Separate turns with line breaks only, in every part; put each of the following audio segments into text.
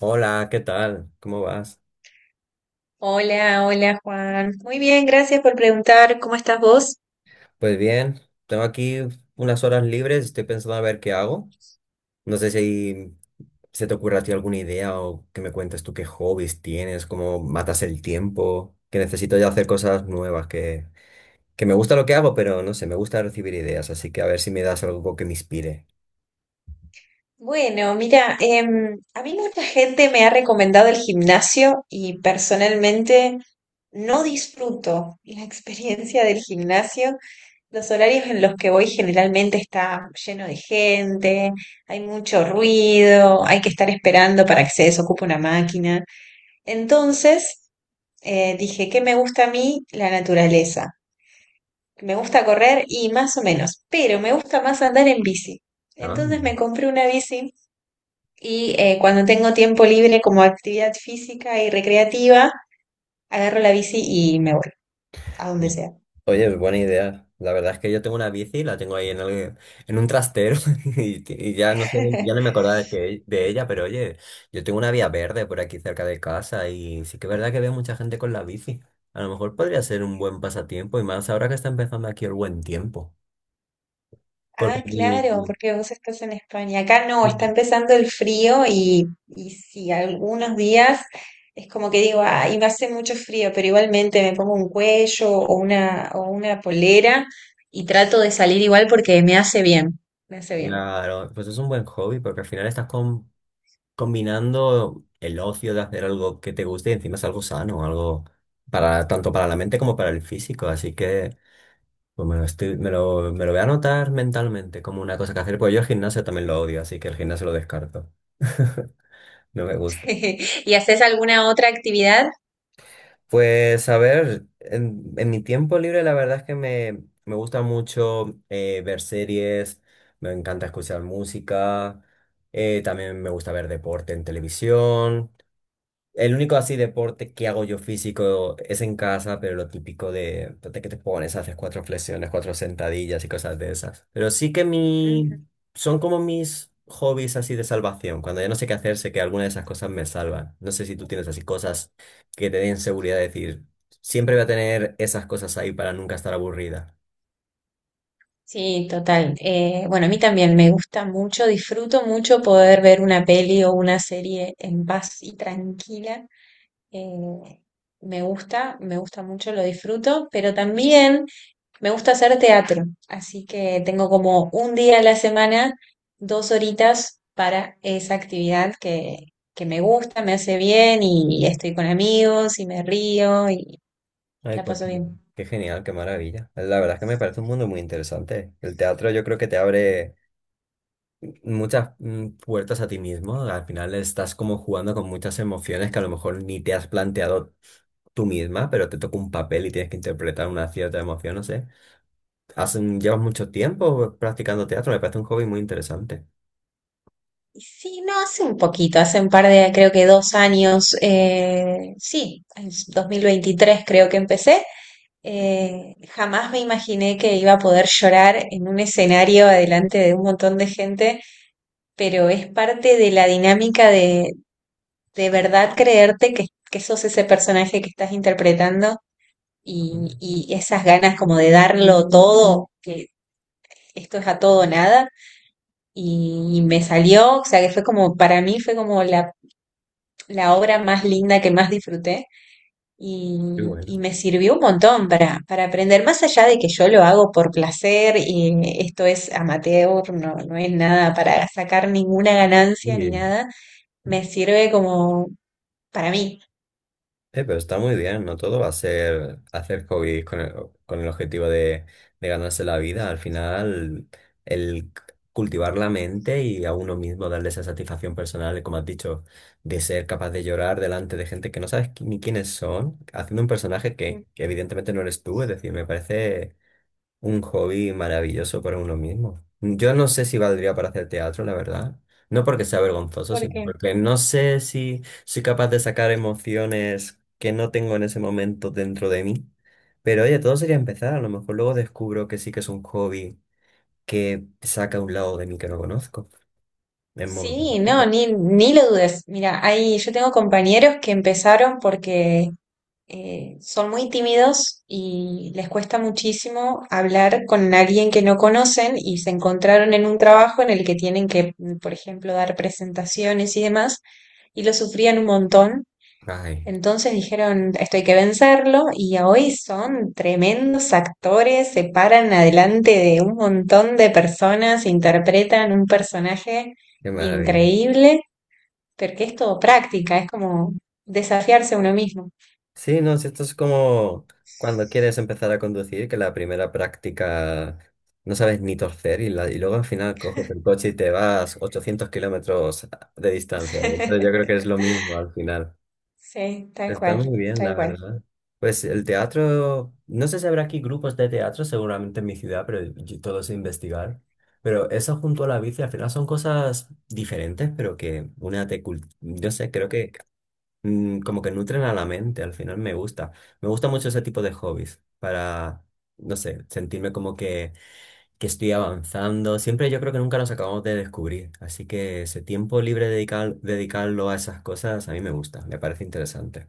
Hola, ¿qué tal? ¿Cómo vas?
Hola, hola Juan. Muy bien, gracias por preguntar. ¿Cómo estás vos?
Pues bien, tengo aquí unas horas libres, estoy pensando a ver qué hago. No sé si se te ocurre a ti alguna idea o que me cuentes tú qué hobbies tienes, cómo matas el tiempo, que necesito ya hacer cosas nuevas, que me gusta lo que hago, pero no sé, me gusta recibir ideas, así que a ver si me das algo que me inspire.
Bueno, mira, a mí mucha gente me ha recomendado el gimnasio y personalmente no disfruto la experiencia del gimnasio. Los horarios en los que voy generalmente está lleno de gente, hay mucho ruido, hay que estar esperando para que se desocupe una máquina. Entonces, dije que me gusta a mí la naturaleza. Me gusta correr y más o menos, pero me gusta más andar en bici.
Ah.
Entonces me compré una bici y cuando tengo tiempo libre como actividad física y recreativa, agarro la bici y me voy a donde sea.
Oye, es buena idea. La verdad es que yo tengo una bici, la tengo ahí en en un trastero y ya no sé, ya no me acordaba de ella, pero oye, yo tengo una vía verde por aquí cerca de casa y sí que es verdad que veo mucha gente con la bici. A lo mejor podría ser un buen pasatiempo y más ahora que está empezando aquí el buen tiempo.
Ah,
Porque,
claro, porque vos estás en España. Acá no, está empezando el frío y sí, algunos días es como que digo, ay, me hace mucho frío, pero igualmente me pongo un cuello o una polera y trato de salir igual porque me hace bien, me hace bien.
claro, pues es un buen hobby porque al final estás combinando el ocio de hacer algo que te guste y encima es algo sano, algo para tanto para la mente como para el físico. Así que pues me lo estoy, me lo voy a anotar mentalmente como una cosa que hacer, porque yo el gimnasio también lo odio, así que el gimnasio lo descarto. No me gusta.
¿Y haces alguna otra actividad?
Pues a ver, en mi tiempo libre la verdad es que me gusta mucho ver series, me encanta escuchar música, también me gusta ver deporte en televisión. El único así deporte que hago yo físico es en casa, pero lo típico de que te pones, haces cuatro flexiones, cuatro sentadillas y cosas de esas. Pero sí que
Ujú.
son como mis hobbies así de salvación. Cuando ya no sé qué hacer, sé que alguna de esas cosas me salvan. No sé si tú tienes así cosas que te den seguridad de decir, siempre voy a tener esas cosas ahí para nunca estar aburrida.
Sí, total. Bueno, a mí también me gusta mucho, disfruto mucho poder ver una peli o una serie en paz y tranquila. Eh, me gusta mucho, lo disfruto, pero también me gusta hacer teatro, así que tengo como un día a la semana, 2 horitas para esa actividad que me gusta, me hace bien y estoy con amigos y me río y
Ay,
la
pues
paso
qué
bien.
qué genial, qué maravilla. La verdad es que me parece un mundo muy interesante. El teatro yo creo que te abre muchas puertas a ti mismo. Al final estás como jugando con muchas emociones que a lo mejor ni te has planteado tú misma, pero te toca un papel y tienes que interpretar una cierta emoción, no sé. Llevas mucho tiempo practicando teatro, me parece un hobby muy interesante.
Y sí, no, hace un poquito, hace un par de, creo que 2 años, sí, es 2023 creo que empecé. Jamás me imaginé que iba a poder llorar en un escenario adelante de un montón de gente, pero es parte de la dinámica de verdad creerte que sos ese personaje que estás interpretando
Ah.
y esas ganas como de darlo todo, que esto es a todo o nada, y me salió, o sea, que fue como, para mí fue como la obra más linda que más disfruté
Qué bueno.
y me sirvió un montón para aprender, más allá de que yo lo hago por placer y esto es amateur, no, no es nada para sacar ninguna ganancia ni nada, me sirve como para mí.
Pero está muy bien, no todo va a ser hacer hobbies con el objetivo de ganarse la vida. Al final, el cultivar la mente y a uno mismo darle esa satisfacción personal, como has dicho, de ser capaz de llorar delante de gente que no sabes ni quiénes son, haciendo un personaje que evidentemente no eres tú, es decir, me parece un hobby maravilloso para uno mismo. Yo no sé si valdría para hacer teatro, la verdad. No porque sea vergonzoso, sino
Porque
porque no sé si soy capaz de sacar emociones que no tengo en ese momento dentro de mí. Pero oye, todo sería empezar. A lo mejor luego descubro que sí que es un hobby que saca un lado de mí que no conozco. En modo
Sí, no,
positivo.
ni lo dudes. Mira, hay, yo tengo compañeros que empezaron porque son muy tímidos y les cuesta muchísimo hablar con alguien que no conocen y se encontraron en un trabajo en el que tienen que, por ejemplo, dar presentaciones y demás, y lo sufrían un montón.
Ay,
Entonces dijeron, esto hay que vencerlo, y hoy son tremendos actores, se paran adelante de un montón de personas, interpretan un personaje
qué maravilla.
increíble, porque es todo práctica, es como desafiarse a uno mismo.
Sí, no, si esto es como cuando quieres empezar a conducir, que la primera práctica no sabes ni torcer y luego al final coges el coche y te vas 800 kilómetros de distancia. Entonces, yo creo que es lo mismo al final.
Sí, tal
Está
cual,
muy bien, la
tal cual.
verdad. Pues el teatro, no sé si habrá aquí grupos de teatro, seguramente en mi ciudad, pero yo- todo es investigar. Pero eso junto a la bici al final son cosas diferentes, pero que una no sé, creo que como que nutren a la mente, al final me gusta. Me gusta mucho ese tipo de hobbies para, no sé, sentirme como que estoy avanzando. Siempre yo creo que nunca nos acabamos de descubrir, así que ese tiempo libre dedicarlo a esas cosas a mí me gusta, me parece interesante.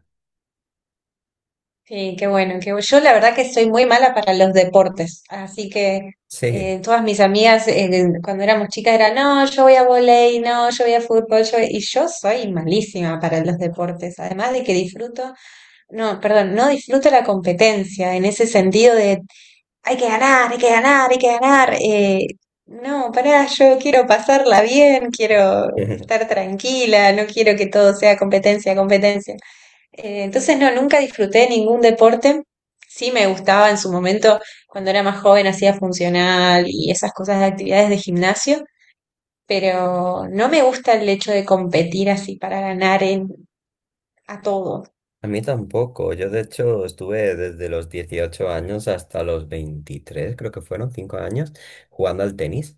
Sí, qué bueno, yo la verdad que soy muy mala para los deportes, así que
Sí.
todas mis amigas cuando éramos chicas eran, no, yo voy a volei, no, yo voy a fútbol, y yo soy malísima para los deportes, además de que disfruto, no, perdón, no disfruto la competencia en ese sentido de hay que ganar, hay que ganar, hay que ganar. No, pará, yo quiero pasarla bien, quiero estar tranquila, no quiero que todo sea competencia, competencia. Entonces, no, nunca disfruté ningún deporte. Sí me gustaba en su momento, cuando era más joven, hacía funcional y esas cosas de actividades de gimnasio, pero no me gusta el hecho de competir así para ganar en, a todo.
A mí tampoco. Yo de hecho estuve desde los 18 años hasta los 23 creo que fueron 5 años, jugando al tenis.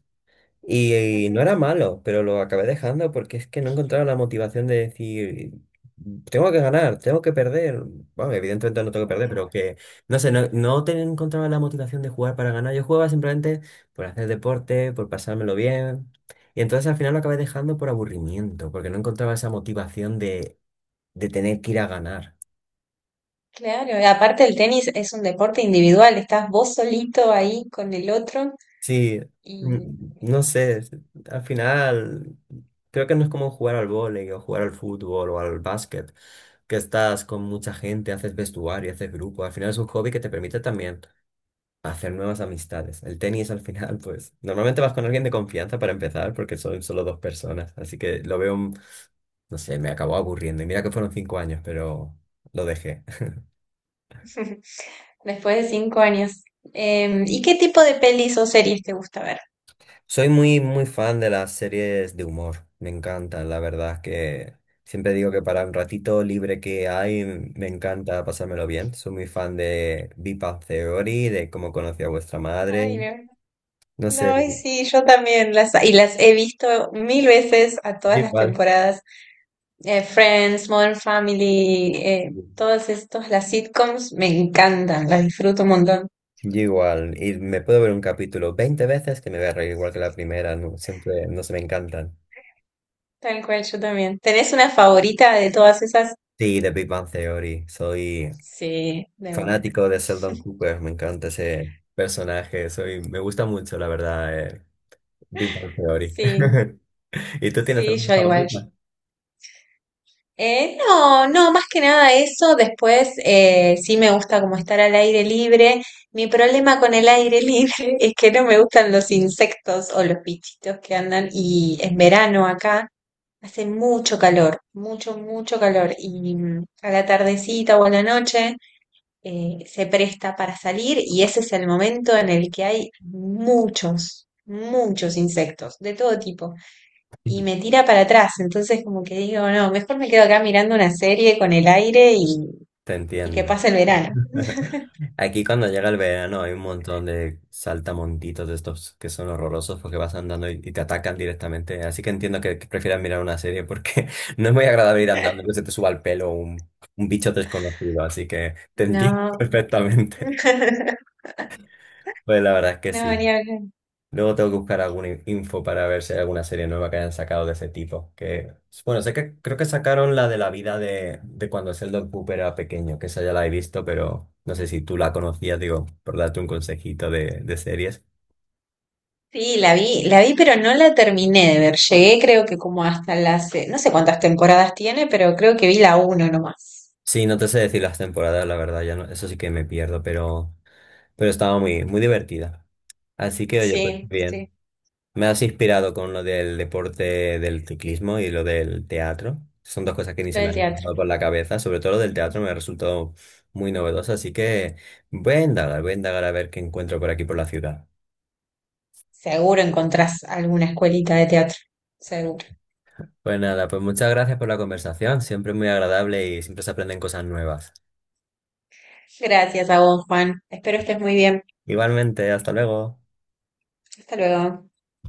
Y
Ujú.
no era malo, pero lo acabé dejando porque es que no encontraba la motivación de decir, tengo que ganar, tengo que perder. Bueno, evidentemente no tengo que perder, pero que, no sé, no encontraba la motivación de jugar para ganar. Yo jugaba simplemente por hacer deporte, por pasármelo bien. Y entonces al final lo acabé dejando por aburrimiento, porque no encontraba esa motivación de tener que ir a ganar.
Claro, y aparte el tenis es un deporte individual, estás vos solito ahí con el otro
Sí,
y
no sé, al final creo que no es como jugar al vóley o jugar al fútbol o al básquet, que estás con mucha gente, haces vestuario, haces grupo, al final es un hobby que te permite también hacer nuevas amistades. El tenis al final, pues normalmente vas con alguien de confianza para empezar porque son solo dos personas, así que lo veo, no sé, me acabó aburriendo y mira que fueron 5 años, pero lo dejé.
después de 5 años. ¿Y qué tipo de pelis o series te gusta ver?
Soy muy, muy fan de las series de humor, me encantan, la verdad es que siempre digo que para un ratito libre que hay, me encanta pasármelo bien. Soy muy fan de Big Bang Theory, de cómo conocí a vuestra
Ay,
madre,
no.
no sé.
No, y sí, yo también las he visto mil veces a
Yo
todas las
igual.
temporadas. Friends, Modern Family, todas estas, las sitcoms me encantan, las disfruto un montón.
Yo igual, y me puedo ver un capítulo 20 veces que me voy a reír igual que la primera, no, siempre, no se me encantan.
Tal cual, yo también. ¿Tenés una favorita de todas esas?
Sí, de Big Bang Theory, soy
Sí, de una.
fanático de Sheldon Cooper, me encanta ese personaje, soy, me gusta mucho, la verdad. Big Bang Theory.
Sí,
¿Y tú tienes
sí,
alguna
yo igual.
favorita?
No, no, más que nada eso. Después sí me gusta como estar al aire libre. Mi problema con el aire libre es que no me gustan los insectos o los bichitos que andan. Y en verano acá hace mucho calor, mucho, mucho calor. Y a la tardecita o a la noche se presta para salir y ese es el momento en el que hay muchos, muchos insectos de todo tipo y me tira para atrás. Entonces, como que digo, no, mejor me quedo acá mirando una serie con el aire y,
Te
y que
entiendo.
pase el verano.
Aquí cuando llega el verano hay un montón de saltamontitos de estos que son horrorosos porque vas andando y te atacan directamente. Así que entiendo que prefieras mirar una serie porque no es muy agradable ir andando que se te suba al pelo un bicho desconocido. Así que te entiendo
No, no.
perfectamente. Pues la verdad es que
No,
sí.
ni hablar.
Luego tengo que buscar alguna info para ver si hay alguna serie nueva que hayan sacado de ese tipo. Que, bueno, sé que creo que sacaron la de la vida de cuando Sheldon Cooper era pequeño, que esa ya la he visto, pero no sé si tú la conocías, digo, por darte un consejito de series.
Sí, la vi, pero no la terminé de ver. Llegué, creo que como hasta las, no sé cuántas temporadas tiene, pero creo que vi la uno nomás.
Sí, no te sé decir las temporadas, la verdad, ya no, eso sí que me pierdo, pero estaba muy, muy divertida. Así que, oye, pues
Sí, sí,
bien. Me has inspirado con lo del deporte del ciclismo y lo del teatro. Son dos cosas que ni
lo
se me
del
han
teatro.
pasado por la cabeza. Sobre todo lo del teatro me ha resultado muy novedoso, así que voy a indagar a ver qué encuentro por aquí por la ciudad.
Seguro encontrás alguna escuelita de teatro. Seguro.
Pues nada, pues muchas gracias por la conversación. Siempre muy agradable y siempre se aprenden cosas nuevas.
Gracias a vos, Juan. Espero estés muy bien.
Igualmente, hasta luego.
Hasta luego.